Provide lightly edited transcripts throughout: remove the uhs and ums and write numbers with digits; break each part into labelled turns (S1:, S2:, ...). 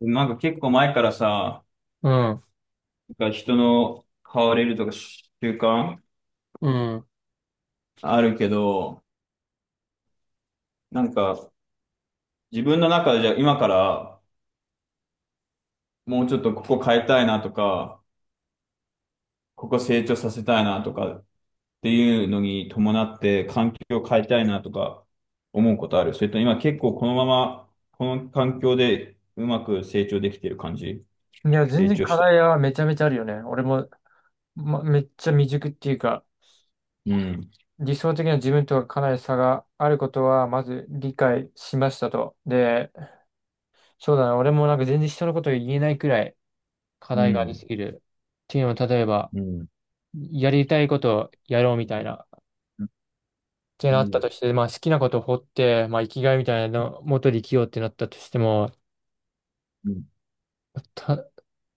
S1: なんか結構前からさ、
S2: うん、
S1: なんか人の変われるとか習慣
S2: う
S1: あるけど、なんか自分の中でじゃあ今からもうちょっとここ変えたいなとか、ここ成長させたいなとかっていうのに伴って環境を変えたいなとか思うことある。それと今結構このままこの環境でうまく成長できてる感じ？
S2: ん。いや、全
S1: 成
S2: 然
S1: 長
S2: 課
S1: したい。
S2: 題はめちゃめちゃあるよね。俺も、ま、めっちゃ未熟っていうか、
S1: うん、
S2: 理想的な自分とはかなり差があることは、まず理解しましたと。で、そうだな、俺もなんか全然人のことを言えないくらい課
S1: う
S2: 題があり
S1: ん、
S2: すぎる。っていうのも、例えば、
S1: うん、
S2: やりたいことをやろうみたいな、って
S1: う
S2: なった
S1: ん、
S2: として、まあ好きなことを掘って、まあ生きがいみたいなの、元で生きようってなったとしても、
S1: うん。
S2: た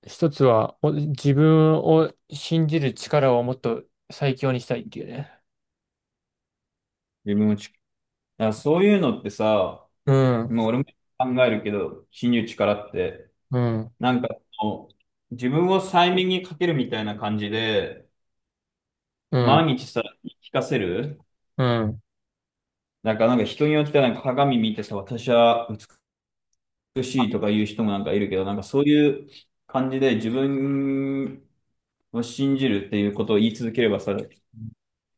S2: 一つは、自分を信じる力をもっと最強にしたいっていうね。
S1: 自分をち、だからそういうのってさ、
S2: うん、
S1: もう俺も考えるけど、信じる力って、
S2: うん、
S1: なんかその、自分を催眠にかけるみたいな感じで、
S2: うん、
S1: 毎日さ、言い聞かせる。
S2: うん。
S1: なんか人によってはなんか鏡見てさ、私は美しいとか言う人もなんかいるけど、なんかそういう感じで自分を信じるっていうことを言い続ければさ、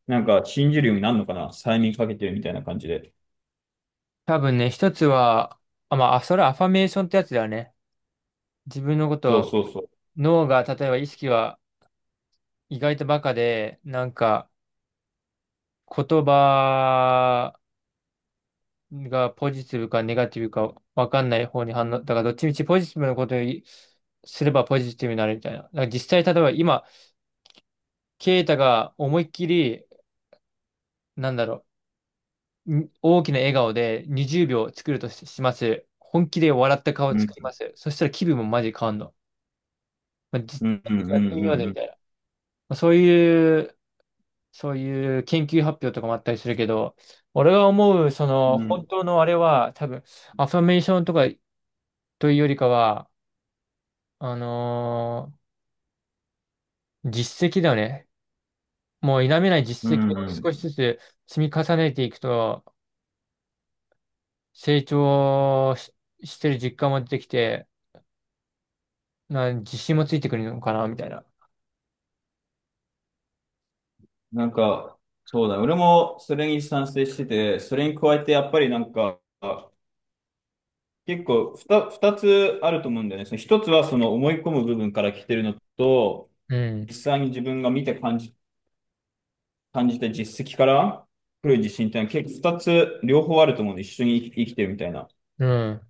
S1: なんか信じるようになるのかな催眠かけてるみたいな感じで。
S2: 多分ね、一つは、あ、まあ、それはアファメーションってやつだよね。自分のこ
S1: そう
S2: と、
S1: そうそう。
S2: 脳が、例えば意識は意外とバカで、なんか、言葉がポジティブかネガティブかわかんない方に反応、だからどっちみちポジティブなことをすればポジティブになるみたいな。だから実際、例えば今、ケイタが思いっきり、なんだろう、大きな笑顔で20秒作るします。本気で笑った顔を
S1: う
S2: 作
S1: ん、
S2: ります。そしたら気分もマジ変わんの。まあ、実際
S1: うん、うん、
S2: にやってみようぜ
S1: う
S2: み
S1: ん、
S2: たいな。まあ、そういう研究発表とかもあったりするけど、俺が思う、その、
S1: うん、う
S2: 本
S1: ん、
S2: 当のあれは、多分、アファメーションとかというよりかは、あのー実績だよね。もう否めない
S1: う
S2: 実績
S1: ん、う
S2: を
S1: ん、う
S2: 少し
S1: ん。
S2: ずつ積み重ねていくと、成長し、してる実感も出てきて、自信もついてくるのかな、みたいな。
S1: なんか、そうだ、俺もそれに賛成してて、それに加えてやっぱりなんか、結構二つあると思うんだよね。その一つはその思い込む部分から来てるのと、
S2: うん。
S1: 実際に自分が見て感じた実績から来る自信っていうのは結構二つ両方あると思うんで、一緒に生き生きてるみたいな。だか
S2: うん。だか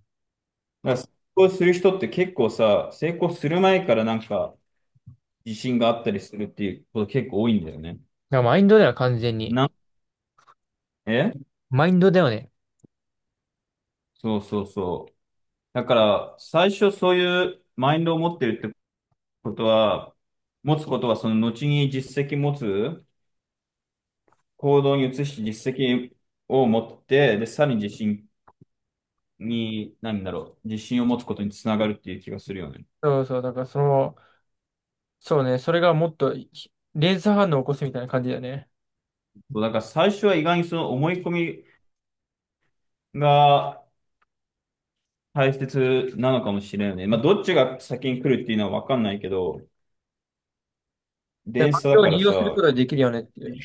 S1: ら成功する人って結構さ、成功する前からなんか自信があったりするっていうこと結構多いんだよね。
S2: らマインドだよ、完全に。
S1: なん、え
S2: マインドだよね。
S1: そうそうそう。だから、最初そういうマインドを持ってるってことは、持つことはその後に実績持つ、行動に移して実績を持って、で、さらに自信に、何だろう、自信を持つことにつながるっていう気がするよね。
S2: そうそう、だからその、そうね、それがもっと連鎖反応を起こすみたいな感じだよね。
S1: そうだから最初は意外にその思い込みが大切なのかもしれないね。まあ、どっちが先に来るっていうのはわかんないけど、
S2: で、
S1: 電
S2: 環
S1: 車だ
S2: 境を
S1: か
S2: 利
S1: ら
S2: 用すること
S1: さ、
S2: ができるよねっていう。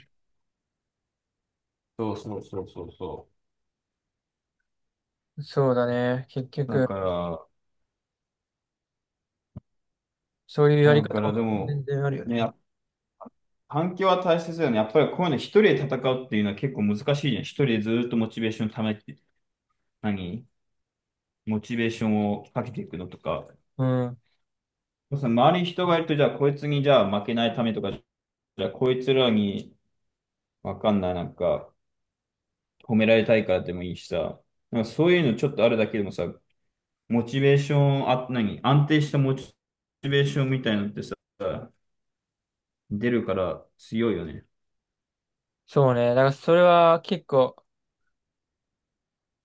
S1: そうそうそうそうそ
S2: そうだね、結
S1: う。だ
S2: 局、
S1: か
S2: そういうや
S1: ら、
S2: り
S1: だ
S2: 方
S1: からで
S2: も全
S1: も、
S2: 然あるよね。
S1: ね、環境は大切だよね。やっぱりこういうの一人で戦うっていうのは結構難しいじゃん。一人でずーっとモチベーションためて、何モチベーションをかけていくのとか。
S2: うん、
S1: その周りに人がいると、じゃあこいつにじゃあ負けないためとか、じゃあこいつらにわかんない、なんか褒められたいからでもいいしさ。なんかそういうのちょっとあるだけでもさ、モチベーション、あ、何安定したモチベーションみたいなのってさ、出るから強いよね。
S2: そうね、だからそれは結構、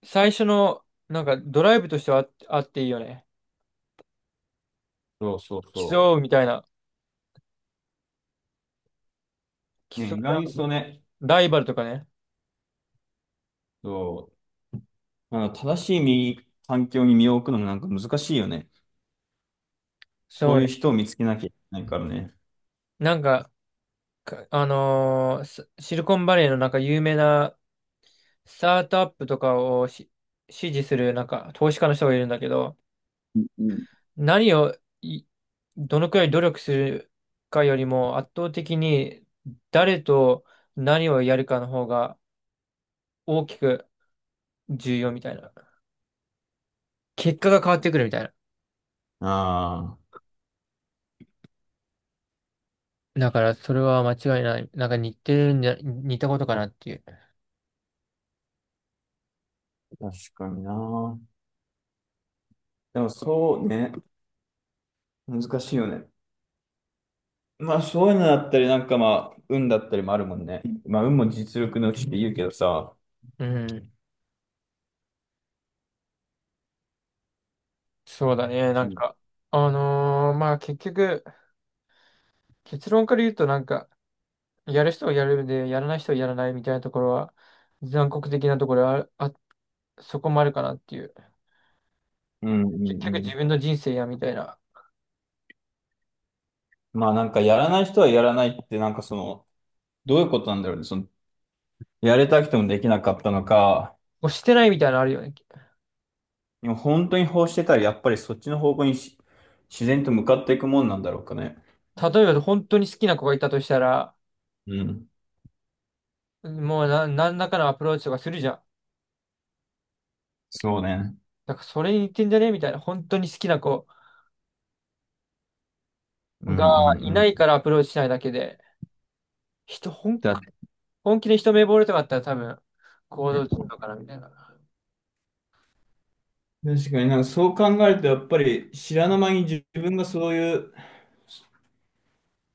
S2: 最初の、なんかドライブとしてはあっていいよね。
S1: そうそうそ
S2: 競
S1: う。
S2: うみたいな、競
S1: ね、
S2: い
S1: 意外に
S2: 合う
S1: そうね、
S2: ライバルとかね。
S1: そうあの、正しい身環境に身を置くのもなんか難しいよね。そ
S2: そ
S1: う
S2: う
S1: いう
S2: ね。
S1: 人を見つけなきゃいけないからね。
S2: なんか、シリコンバレーのなんか有名なスタートアップとかを支持するなんか投資家の人がいるんだけど、
S1: うん。
S2: 何をいどのくらい努力するかよりも圧倒的に誰と何をやるかの方が大きく重要みたいな。結果が変わってくるみたいな。
S1: あ
S2: だからそれは間違いない。なんか似てるんじゃ、似たことかなっていう。
S1: あ、確かにな。でもそうね、難しいよね。まあそういうのだったり、なんかまあ、運だったりもあるもんね。まあ運も実力のうちって言うけどさ、
S2: うん。そうだね。な
S1: う
S2: ん
S1: ん
S2: か、まあ結局、結論から言うとなんか、やる人はやるで、やらない人はやらないみたいなところは、残酷的なところはそこもあるかなっていう。
S1: うんう
S2: 結
S1: ん
S2: 局
S1: うん。
S2: 自分の人生やみたいな。
S1: まあなんかやらない人はやらないって、なんかその、どういうことなんだろうね。その、やれたくてもできなかったのか、
S2: こうしてないみたいなのあるよね。
S1: でも本当に欲してたらやっぱりそっちの方向にし自然と向かっていくもんなんだろうかね。
S2: 例えば本当に好きな子がいたとしたら、
S1: うん。
S2: もう何らかのアプローチとかするじゃん。
S1: そうね。
S2: だからそれに似てんじゃねみたいな。本当に好きな子
S1: うんう
S2: が
S1: ん
S2: いない
S1: う
S2: か
S1: ん。
S2: らアプローチしないだけで、人、本、
S1: だね。
S2: 本気で一目惚れとかあったら多分行動するのかなみたいな。
S1: 確かになんかそう考えると、やっぱり知らぬ間に自分がそういう、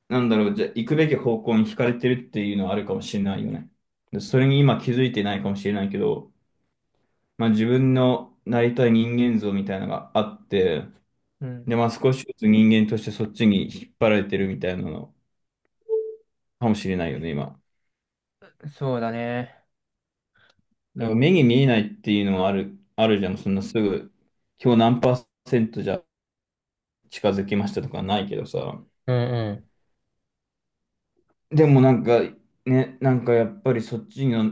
S1: なんだろう、じゃあ行くべき方向に惹かれてるっていうのはあるかもしれないよね。でそれに今気づいてないかもしれないけど、まあ自分のなりたい人間像みたいなのがあって、
S2: うん。
S1: で、まあ少しずつ人間としてそっちに引っ張られてるみたいなのかもしれないよね、今。
S2: そうだね。
S1: だから目に見えないっていうのもあるじゃん。そんなすぐ、今日何パーセントじゃ近づきましたとかないけどさ。
S2: うんうん。
S1: でもなんか、ね、なんかやっぱりそっちの、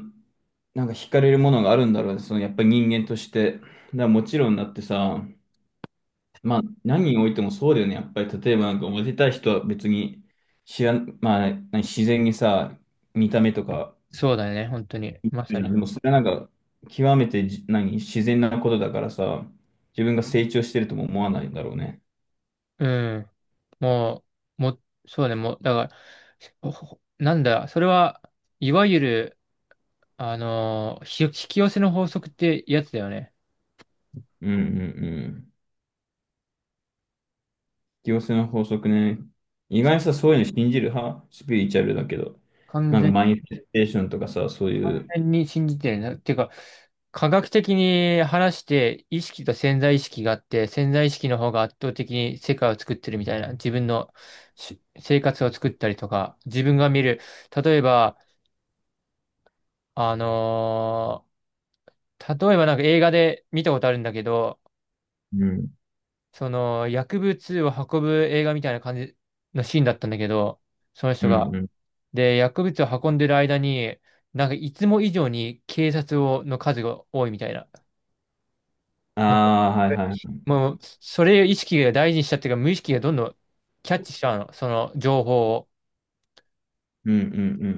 S1: なんか惹かれるものがあるんだろうね。そのやっぱり人間として。だからもちろんだってさ、まあ何においてもそうだよね。やっぱり例えばなんかモテたい人は別に知らん、まあ何自然にさ、見た目とか
S2: そうだね。本当に。ま
S1: い
S2: さ
S1: や、で
S2: に。
S1: もそれはなんか極めてじ何自然なことだからさ、自分が成長してるとも思わないんだろうね。
S2: うん。もう、も、そうね、もう、だから、なんだ、それは、いわゆる、引き寄せの法則ってやつだよね。
S1: うんうんうん。引き寄せの法則ね。意外にさ、そういうの信じる派スピリチュアルだけど。
S2: 完
S1: なんか
S2: 全
S1: マインフェステーションとかさ、そういう。
S2: に信じてるな。っていうか、科学的に話して、意識と潜在意識があって、潜在意識の方が圧倒的に世界を作ってるみたいな、自分の生活を作ったりとか、自分が見る、例えば、あのー例えばなんか映画で見たことあるんだけど、
S1: うん、
S2: その薬物を運ぶ映画みたいな感じのシーンだったんだけど、その
S1: う
S2: 人が。
S1: ん、うん。
S2: で、薬物を運んでる間に、なんかいつも以上に警察をの数が多いみたいな。
S1: あ
S2: ま
S1: あ、はいはい。
S2: もう、それを意識が大事にしちゃってるから、無意識がどんどんキャッチしちゃうの、その情報を。
S1: うん、う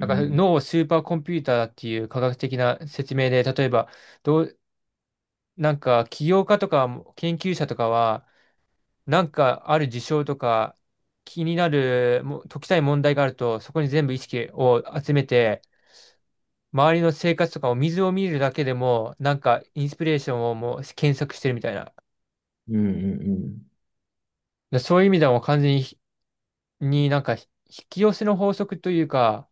S2: なんか脳をスーパーコンピューターだっていう科学的な説明で、例えば、どう、なんか起業家とか研究者とかは、なんかある事象とか気になるもう解きたい問題があるとそこに全部意識を集めて周りの生活とかを水を見るだけでもなんかインスピレーションをもう検索してるみたいな。
S1: うん、うん。うん、うん、
S2: でそういう意味ではもう完全になんか引き寄せの法則というか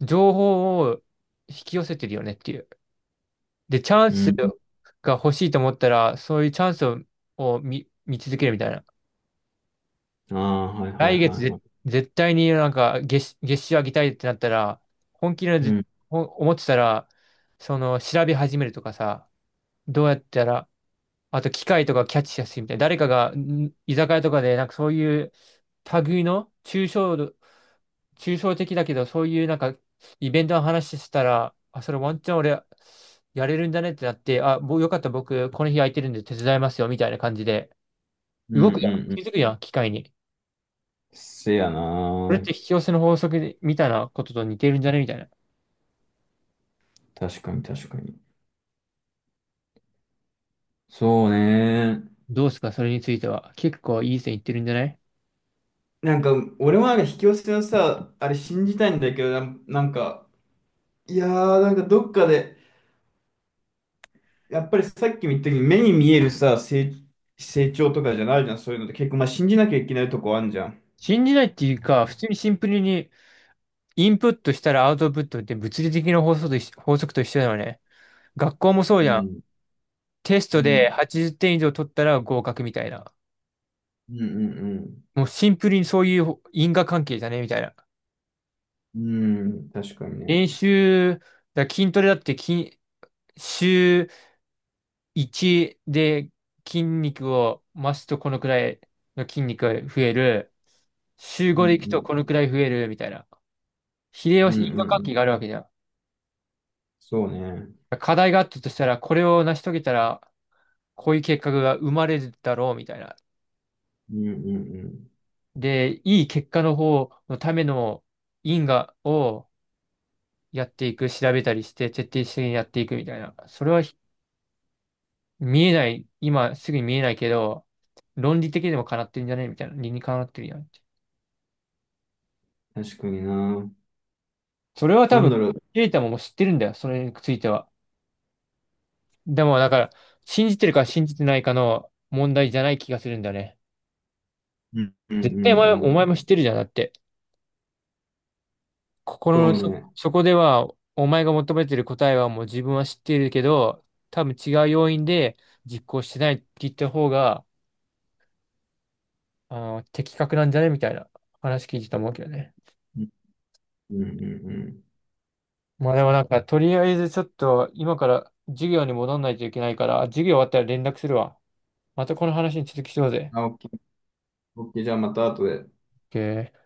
S2: 情報を引き寄せてるよねっていう。で、チャン
S1: う
S2: ス
S1: ん。
S2: が欲しいと思ったらそういうチャンスを見続けるみたいな。
S1: うん、ああ、はいはい
S2: 来
S1: は
S2: 月
S1: いはい。
S2: 絶対になんか月収上げたいってなったら、本気で
S1: うん、
S2: 思ってたら、その調べ始めるとかさ、どうやったら、あと機械とかキャッチしやすいみたいな、誰かが居酒屋とかでなんかそういう類の抽象的だけど、そういうなんかイベントの話してたら、あ、それワンチャン俺やれるんだねってなって、あ、もうよかった僕この日空いてるんで手伝いますよみたいな感じで、
S1: うん、
S2: 動
S1: う
S2: く
S1: ん。
S2: やん。
S1: う
S2: 気づ
S1: ん
S2: くやん、機械に。
S1: せやな
S2: これって
S1: ー。
S2: 引き寄せの法則でたたいなことと似てるんじゃねみたいな。
S1: 確かに確かに。そうね。
S2: どうですかそれについては？結構いい線いってるんじゃない？
S1: なんか、俺もなんか引き寄せのさ、あれ信じたいんだけど、なんか、いやー、なんかどっかで、やっぱりさっきも言ったけど、目に見えるさ、成長とかじゃないじゃん、そういうのって結構、まあ、信じなきゃいけないとこあんじゃん。
S2: 信じないっていうか、普通にシンプルにインプットしたらアウトプットって物理的な法則と一緒だよね。学校もそう
S1: う
S2: じゃん。
S1: ん、
S2: テス
S1: う
S2: トで
S1: ん、
S2: 80点以上取ったら合格みたいな。
S1: うんうん
S2: もうシンプルにそういう因果関係じゃねみたいな。
S1: うん。うん、確かにね。
S2: 練習、だ筋トレだって週1で筋肉を増すとこのくらいの筋肉が増える。週
S1: う
S2: 5で行くと
S1: ん
S2: このくらい増えるみたいな。秀
S1: うん、
S2: 吉、
S1: うん
S2: 因果
S1: うん
S2: 関
S1: うん。
S2: 係があるわけじゃん。
S1: そうね。
S2: 課題があったとしたら、これを成し遂げたら、こういう結果が生まれるだろうみたいな。
S1: うんうん
S2: で、いい結果の方のための因果をやっていく、調べたりして、徹底的にやっていくみたいな。それは見えない、今すぐに見えないけど、論理的にもかなってるんじゃねみたいな。理にかなってるやんって。
S1: うん。確かにな。
S2: それは多
S1: なんだ
S2: 分、
S1: ろう。
S2: ケイタももう知ってるんだよ、それについては。でも、だから、信じてるか信じてないかの問題じゃない気がするんだよね。
S1: うんうんう
S2: 絶
S1: ん
S2: 対
S1: う
S2: お前
S1: ん。
S2: も知ってるじゃん。だって、
S1: そ
S2: 心
S1: う
S2: の
S1: ね。
S2: そこでは、お前が求めてる答えはもう自分は知っているけど、多分違う要因で実行してないって言った方が、的確なんじゃねみたいな話聞いてたと思うけどね。
S1: うん。うんうんうん。
S2: まあでもなんか、とりあえずちょっと、今から授業に戻んないといけないから、授業終わったら連絡するわ。またこの話に続きしようぜ。
S1: あ、オッケー。オッケー。じゃあまた後で。
S2: OK